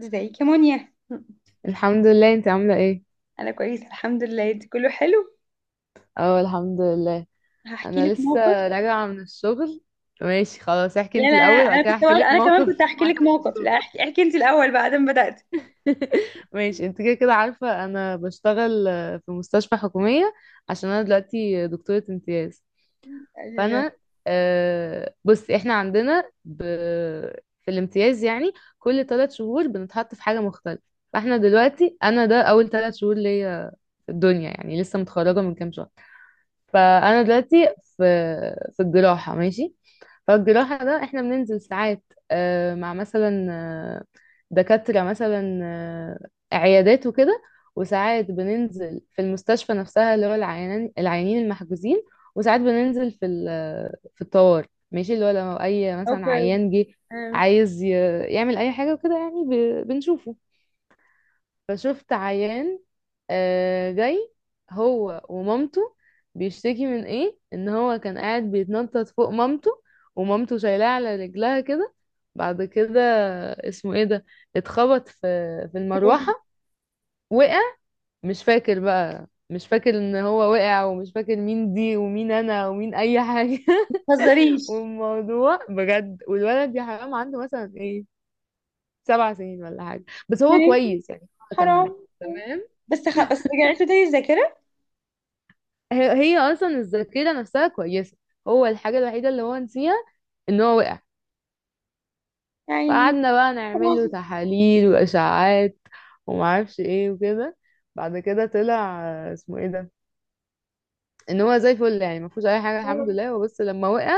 ازيك يا مونيا؟ الحمد لله، انت عاملة ايه؟ انا كويس الحمد لله، انت كله حلو؟ اه، الحمد لله. هحكي انا لك لسه موقف. راجعة من الشغل. ماشي خلاص، احكي لا لا انت الاول لا، وبعد كده احكي لك انا كمان موقف كنت هحكي حصل لك في موقف. لا الشغل. احكي, احكي انت الاول بعد ما بدأت. ماشي، انت كده كده عارفة انا بشتغل في مستشفى حكومية، عشان انا دلوقتي دكتورة امتياز. فانا بصي، احنا عندنا في الامتياز يعني كل 3 شهور بنتحط في حاجة مختلفة. فاحنا دلوقتي، انا ده اول 3 شهور ليا في الدنيا، يعني لسه متخرجة من كام شهر. فانا دلوقتي في الجراحه. ماشي، فالجراحه ده احنا بننزل ساعات مع مثلا دكاتره مثلا، عيادات وكده. وساعات بننزل في المستشفى نفسها، اللي هو العيانين المحجوزين. وساعات بننزل في الطوارئ، ماشي، اللي هو لو اي مثلا اوكي. عيان جه آه، عايز يعمل اي حاجه وكده، يعني بنشوفه. فشفت عيان جاي هو ومامته، بيشتكي من ايه، ان هو كان قاعد بيتنطط فوق مامته، ومامته شايلاه على رجلها كده. بعد كده اسمه ايه ده، اتخبط في بتقولي. المروحة، وقع. مش فاكر بقى، مش فاكر ان هو وقع، ومش فاكر مين دي ومين انا ومين اي حاجة. ما تهزريش. والموضوع بجد، والولد يا حرام عنده مثلا ايه، 7 سنين ولا حاجة. بس هو يعني كويس، يعني هو كان حرام. تمام. بس رجعت له تاني الذاكرة. هي هي اصلا الذاكره نفسها كويسه، هو الحاجه الوحيده اللي هو نسيها ان هو وقع. يعني فقعدنا بقى نعمل له حرام. تحاليل واشعاعات ومعرفش ايه وكده. بعد كده طلع اسمه ايه ده، ان هو زي الفل يعني ما فيهوش اي حاجه الحمد لله. هو بس لما وقع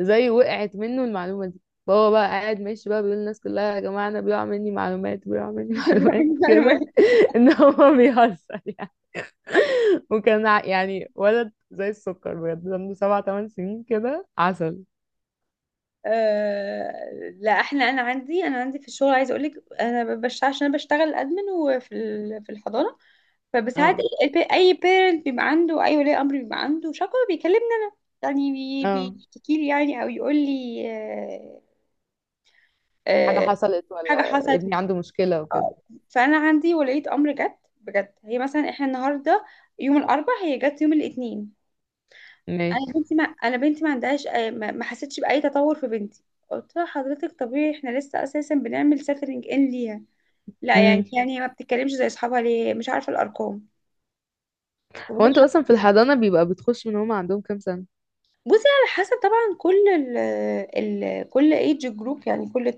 زي وقعت منه المعلومه دي، فهو بقى قاعد ماشي بقى بيقول للناس كلها، يا جماعه انا بيقع مني معلومات، بيقع مني معلومات معلومات. كده، ان هو بيهزر يعني. وكان يعني ولد زي السكر بجد، عنده سبع تمن سنين كده، عسل. آه... لا احنا، انا عندي في الشغل. عايزه اقول لك انا بشتغل، عشان انا بشتغل ادمن وفي ال... في الحضانة. فبساعات اه، اي بيرنت بيبقى عنده، اي ولي امر بيبقى عنده شكوى بيكلمنا. يعني اه، بيشتكي لي، يعني او يقول لي حاجة آه، حصلت حاجه ولا حصلت. ابني عنده مشكلة وكده. آه. فانا عندي ولية امر جت بجد، هي مثلا احنا النهارده يوم الاربع، هي جت يوم الاثنين. ماشي. انا بنتي ما عندهاش ما حسيتش باي تطور في بنتي. قلت لها حضرتك طبيعي، احنا لسه اساسا بنعمل سيتلينج ان ليها. لا يعني، امم هي ما بتتكلمش زي اصحابها ليه، مش عارفه الارقام. هو انتوا اصلا في الحضانة بيبقى بتخش من هما عندهم كام سنة؟ بصي على حسب طبعا، كل ال ال كل ايج جروب، يعني كل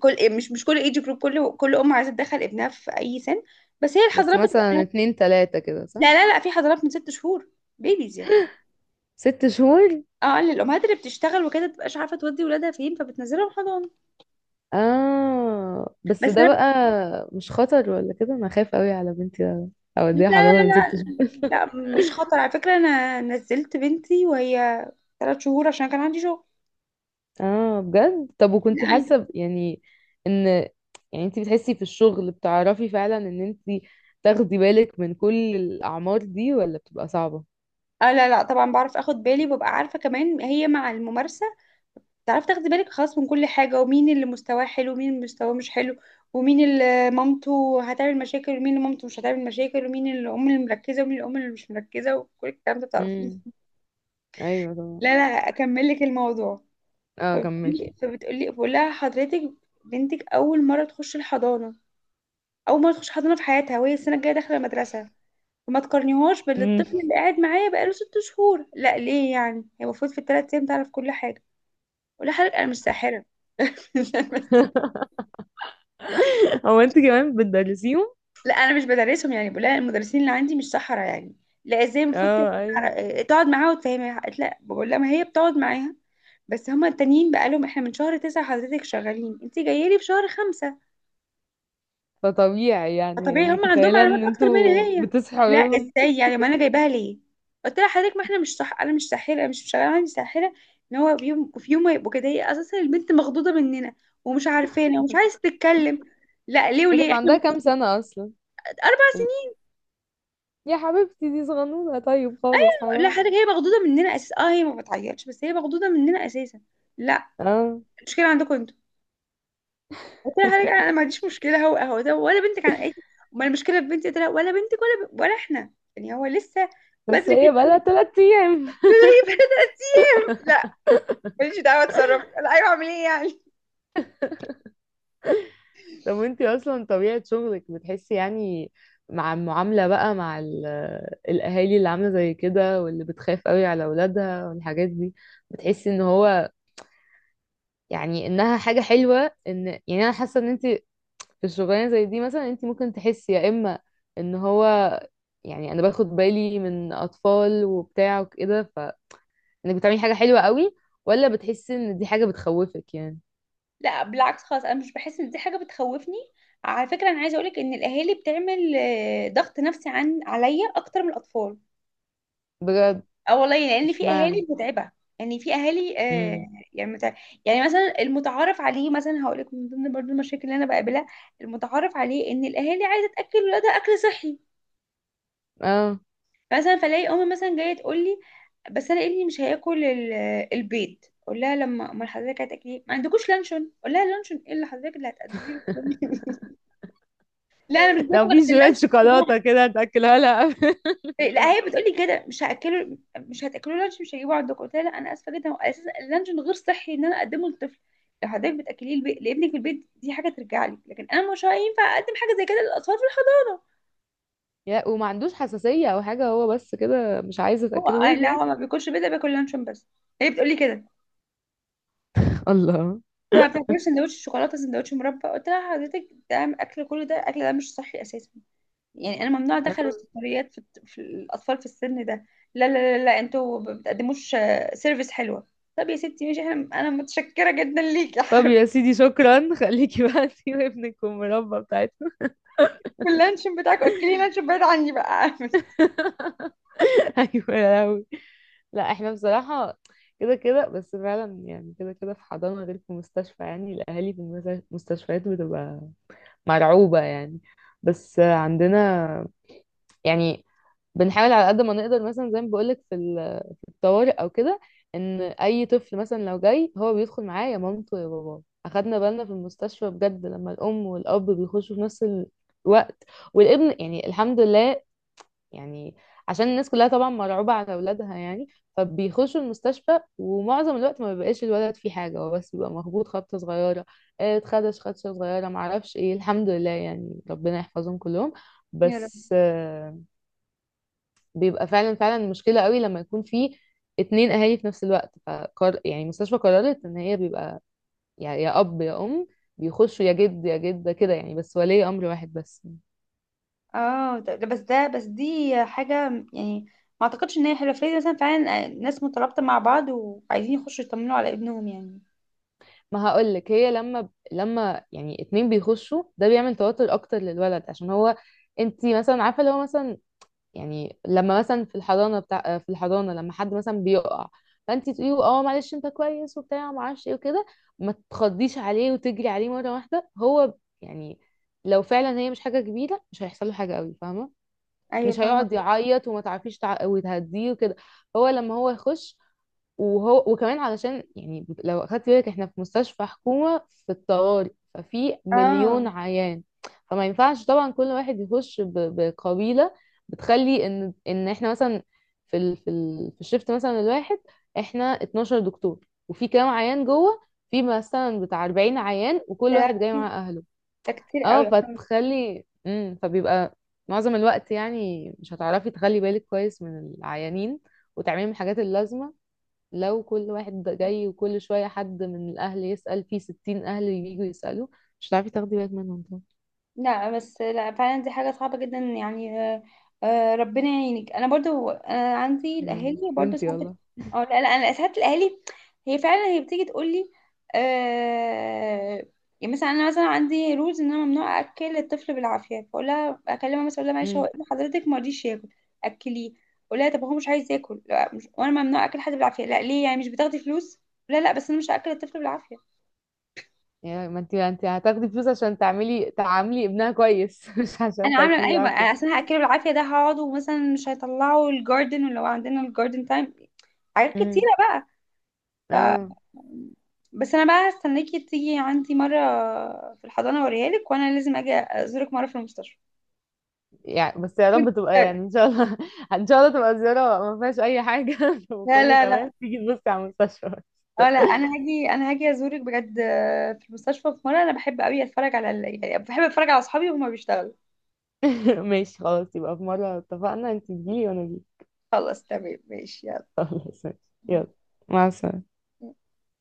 كل مش مش كل ايج جروب، كل ام عايزه تدخل ابنها في اي سن. بس هي بس الحضانات بتبقى... مثلا اتنين تلاتة كده، لا صح؟ لا لا، في حضانات من 6 شهور، بيبيز يعني. 6 شهور؟ اه للامهات اللي بتشتغل وكده، متبقاش عارفه تودي ولادها فين، فبتنزلهم حضانه. اه، بس بس ده انا... بقى مش خطر ولا كده؟ انا خايف قوي على بنتي لا اوديها لا حضانة من 6 شهور. لا لا، مش خطر على فكره، انا نزلت بنتي وهي 3 شهور عشان كان عندي شغل. اه بجد؟ طب لا وكنتي عادي. حاسه يعني ان، يعني انت بتحسي في الشغل بتعرفي فعلا ان انت تاخدي بالك من كل الاعمار دي، ولا بتبقى صعبه؟ اه لا لا، طبعا بعرف اخد بالي، وببقى عارفه كمان هي مع الممارسه تعرف تاخدي بالك خلاص من كل حاجة، ومين اللي مستواه حلو ومين اللي مستواه مش حلو، ومين اللي مامته هتعمل مشاكل ومين اللي مامته مش هتعمل مشاكل، ومين الأم اللي مركزة ومين الأم اللي مش مركزة، وكل الكلام ده تعرفيه. امم ايوه طبعا. لا لا، أكمل لك الموضوع. اه كملي. فبتقولي بقول لها حضرتك بنتك أول مرة تخش الحضانة، أول مرة تخش حضانة في حياتها وهي السنة الجاية داخلة المدرسة، فما تقارنيهاش مم. بالطفل اللي قاعد معايا بقاله 6 شهور. لا ليه، يعني هي المفروض في الثلاث أيام تعرف كل حاجة؟ ولا حضرتك أنا مش ساحرة. هو انت كمان بتدرسيهم؟ لا انا مش بدرسهم، يعني بقول لها المدرسين اللي عندي مش سحرة يعني. لا ازاي، المفروض اه ايوه، تقعد معاها وتفهمها. قالت لا. بقول لها ما هي بتقعد معاها، بس هما التانيين بقى لهم احنا من شهر 9 حضرتك شغالين، انت جايه لي في شهر 5، فطبيعي يعني، فطبيعي هما عندهم متخيله معلومات ان اكتر مني انتوا هي. بتصحوا لا لهم. ازاي يعني، ما انا جايباها ليه. قلت لها حضرتك ما احنا مش صح، انا مش ساحره، أنا مش شغاله عندي ساحره، ان هو في يوم ما يبقوا كده. هي اساسا البنت مخضوضه مننا، ومش عارفانا ومش عايزه تتكلم. لا ليه هي وليه كان احنا... عندها كام سنه اصلا؟ 4. ال- يا حبيبتي، دي صغنونه طيب، خالص لا حرام. حضرتك هي مخضوضه مننا اساسا، اه هي ما بتعيطش، بس هي مخضوضه مننا اساسا. لا اه، المشكله عندكم انتوا، قلت لها حضرتك انا ما عنديش مشكله، هو ده ولا بنتك عن اي. امال المشكله في بنتي؟ قلت لها ولا بنتك ولا احنا، يعني هو لسه بس بدري هي جدا بقالها انك 3 ايام. تجيبي بنتك. لا ماليش دعوه، اتصرف. لا ايوه اعمل ايه يعني. طب وانتي اصلا طبيعة شغلك بتحسي يعني، مع المعاملة بقى مع الاهالي اللي عاملة زي كده واللي بتخاف قوي على اولادها والحاجات دي، بتحسي ان هو، يعني انها حاجة حلوة، ان يعني انا حاسة ان انتي في الشغلانة زي دي، مثلا انتي ممكن تحسي، يا اما ان هو، يعني انا باخد بالي من اطفال وبتاع وكده فانك بتعملي حاجة حلوة قوي، ولا بتحسي ان دي حاجة بتخوفك يعني؟ لا بالعكس خالص، انا مش بحس ان دي حاجه بتخوفني. على فكره انا عايزه اقولك ان الاهالي بتعمل ضغط نفسي عن عليا اكتر من الاطفال. بجد؟ اه والله يعني، لان في اشمعنى؟ اهالي متعبه. يعني في اهالي امم يعني يعني مثلا المتعارف عليه، مثلا هقول لك من ضمن برضو المشاكل اللي انا بقابلها، المتعارف عليه ان الاهالي عايزه تاكل ولادها اكل صحي. اه، مثلا فلاقي امي مثلا جايه تقول لي بس انا ابني مش هياكل البيض. اقول لها لما امال حضرتك هتاكلي، ما عندكوش لانشون؟ اقول لها لانشون ايه اللي حضرتك اللي هتقدميه لي؟ لا انا مش باكل لو غير في شوية اللانشون. شوكولاتة كده تاكلها لها قبل لا الفطار. هي بتقولي كده، مش هاكله، مش هتاكلوا لانش مش هجيبه عندكم. قلت لها لا انا اسفه جدا، هو اساسا اللانشون غير صحي ان انا اقدمه للطفل، لو حضرتك بتاكليه لابنك في البيت دي حاجه ترجع لك، لكن انا مش هينفع اقدم حاجه زي كده للاطفال في الحضانه. يا، وما عندوش حساسية او حاجة هو بس كده مش عايزة هو تأكله قال ويد لا، يعني؟ هو ما بياكلش بيضه، بياكل لانشون بس. هي بتقولي كده، انت الله. ما بتاكلش سندوتش شوكولاته سندوتش مربى؟ قلت لها حضرتك ده اكل، كله ده اكل، ده مش صحي اساسا. يعني انا ممنوع ادخل السكريات في الاطفال في السن ده. لا لا لا, لا، انتوا ما بتقدموش سيرفيس حلوه. طب يا ستي ماشي، احنا انا متشكره جدا ليكي. طب يا سيدي شكرا، خليكي بقى انتي وابنك والمربى بتاعتكم. واللانشون بتاعكم، اكلين لانشون بعيد عني بقى. ايوه يا لهوي. لا، احنا بصراحة كده كده بس فعلا، يعني كده كده في حضانة غير في مستشفى، يعني الأهالي في المستشفيات بتبقى مرعوبة يعني. بس عندنا يعني بنحاول على قد ما نقدر، مثلا زي ما بقولك في طوارئ او كده، ان اي طفل مثلا لو جاي هو بيدخل معاه يا مامته يا باباه. اخدنا بالنا في المستشفى بجد لما الام والاب بيخشوا في نفس الوقت والابن، يعني الحمد لله يعني، عشان الناس كلها طبعا مرعوبة على اولادها يعني، فبيخشوا المستشفى. ومعظم الوقت ما بيبقاش الولد فيه حاجة، هو بس بيبقى مخبوط خبطة صغيرة، اتخدش خدشة صغيرة، معرفش ايه، الحمد لله يعني، ربنا يحفظهم كلهم. يا رب. بس بيبقى فعلا فعلا مشكلة قوي لما يكون في اتنين اهالي في نفس الوقت. يعني المستشفى قررت ان هي بيبقى يعني يا اب يا ام، بيخشوا يا جد يا جدة كده يعني، بس ولي امر واحد بس. اه ده بس دي حاجه يعني، ما اعتقدش ان هي حلوه فريد، مثلا فعلا ناس مترابطه مع بعض وعايزين يخشوا يطمنوا على ابنهم يعني. ما هقولك، هي لما يعني اتنين بيخشوا ده بيعمل توتر اكتر للولد، عشان هو، انتي مثلا عارفة اللي هو مثلا، يعني لما مثلا في الحضانه لما حد مثلا بيقع، فانت تقولي له اه معلش انت كويس وبتاع ما اعرفش ايه وكده، ما تخضيش عليه وتجري عليه مره واحده. هو يعني لو فعلا هي مش حاجه كبيره مش هيحصل له حاجه قوي، فاهمه؟ ايوه مش فاهمه. هيقعد يعيط، وما تعرفيش وتهديه وكده. هو لما هو يخش، وهو وكمان، علشان يعني لو اخدت بالك احنا في مستشفى حكومة في الطوارئ، ففي مليون اه عيان. فما ينفعش طبعا كل واحد يخش بقبيلة. بتخلي ان احنا مثلا في الشفت، مثلا الواحد، احنا 12 دكتور وفي كام عيان جوه. في مثلا بتاع 40 عيان، وكل ده لا، واحد جاي مع اهله. ده كتير اه قوي. فتخلي، فبيبقى معظم الوقت، يعني مش هتعرفي تخلي بالك كويس من العيانين وتعملي الحاجات اللازمة. لو كل واحد جاي وكل شوية حد من الأهل يسأل، في 60 أهل ييجوا يسألوا، مش هتعرفي تاخدي بالك منهم طبعا. لا بس لا فعلا دي حاجة صعبة جدا يعني، ربنا يعينك. انا برضو انا عندي الاهالي برضو فهمتي ساعات والله؟ اه لا لا، انا ساعات الاهالي هي فعلا هي بتيجي تقول لي آه يعني، مثلا انا مثلا عندي رولز ان انا ممنوع اكل الطفل بالعافية، فاقول لها اكلمها مثلا اقول لها معلش هو امم ابن حضرتك ما رضيش ياكل، اكليه. اقول لها طب هو مش عايز ياكل، لا مش، وانا ممنوع اكل حد بالعافية. لا ليه يعني، مش بتاخدي فلوس؟ لا لا، بس انا مش هاكل الطفل بالعافية. يعني ما انت هتاخدي فلوس عشان تعاملي ابنها كويس، مش عشان انا عامله تاكلي ايوه بقى، بالعافيه. عشان هاكله بالعافيه، ده هقعد ومثلا مش هيطلعوا الجاردن ولو عندنا الجاردن تايم، حاجات امم كتيره بقى. ف اه، بس انا بقى هستناكي تيجي عندي مره في الحضانه اوريها لك، وانا لازم اجي ازورك مره في المستشفى. يعني بس يا وإنت- رب تبقى يعني ان شاء الله. ان شاء الله تبقى زياره ما فيهاش اي حاجه، لا وكله لا لا، تمام، تيجي تبصي على المستشفى بس. اه لا انا هاجي، انا هاجي ازورك بجد في المستشفى. في مره، انا بحب قوي اتفرج على يعني بحب اتفرج على اصحابي وهما بيشتغلوا. ماشي خلاص، يبقى في مره اتفقنا انت تجيلي وانا اجي. خلاص تمام ماشي. خلاص ماشي. يلا، مع السلامه. يلا.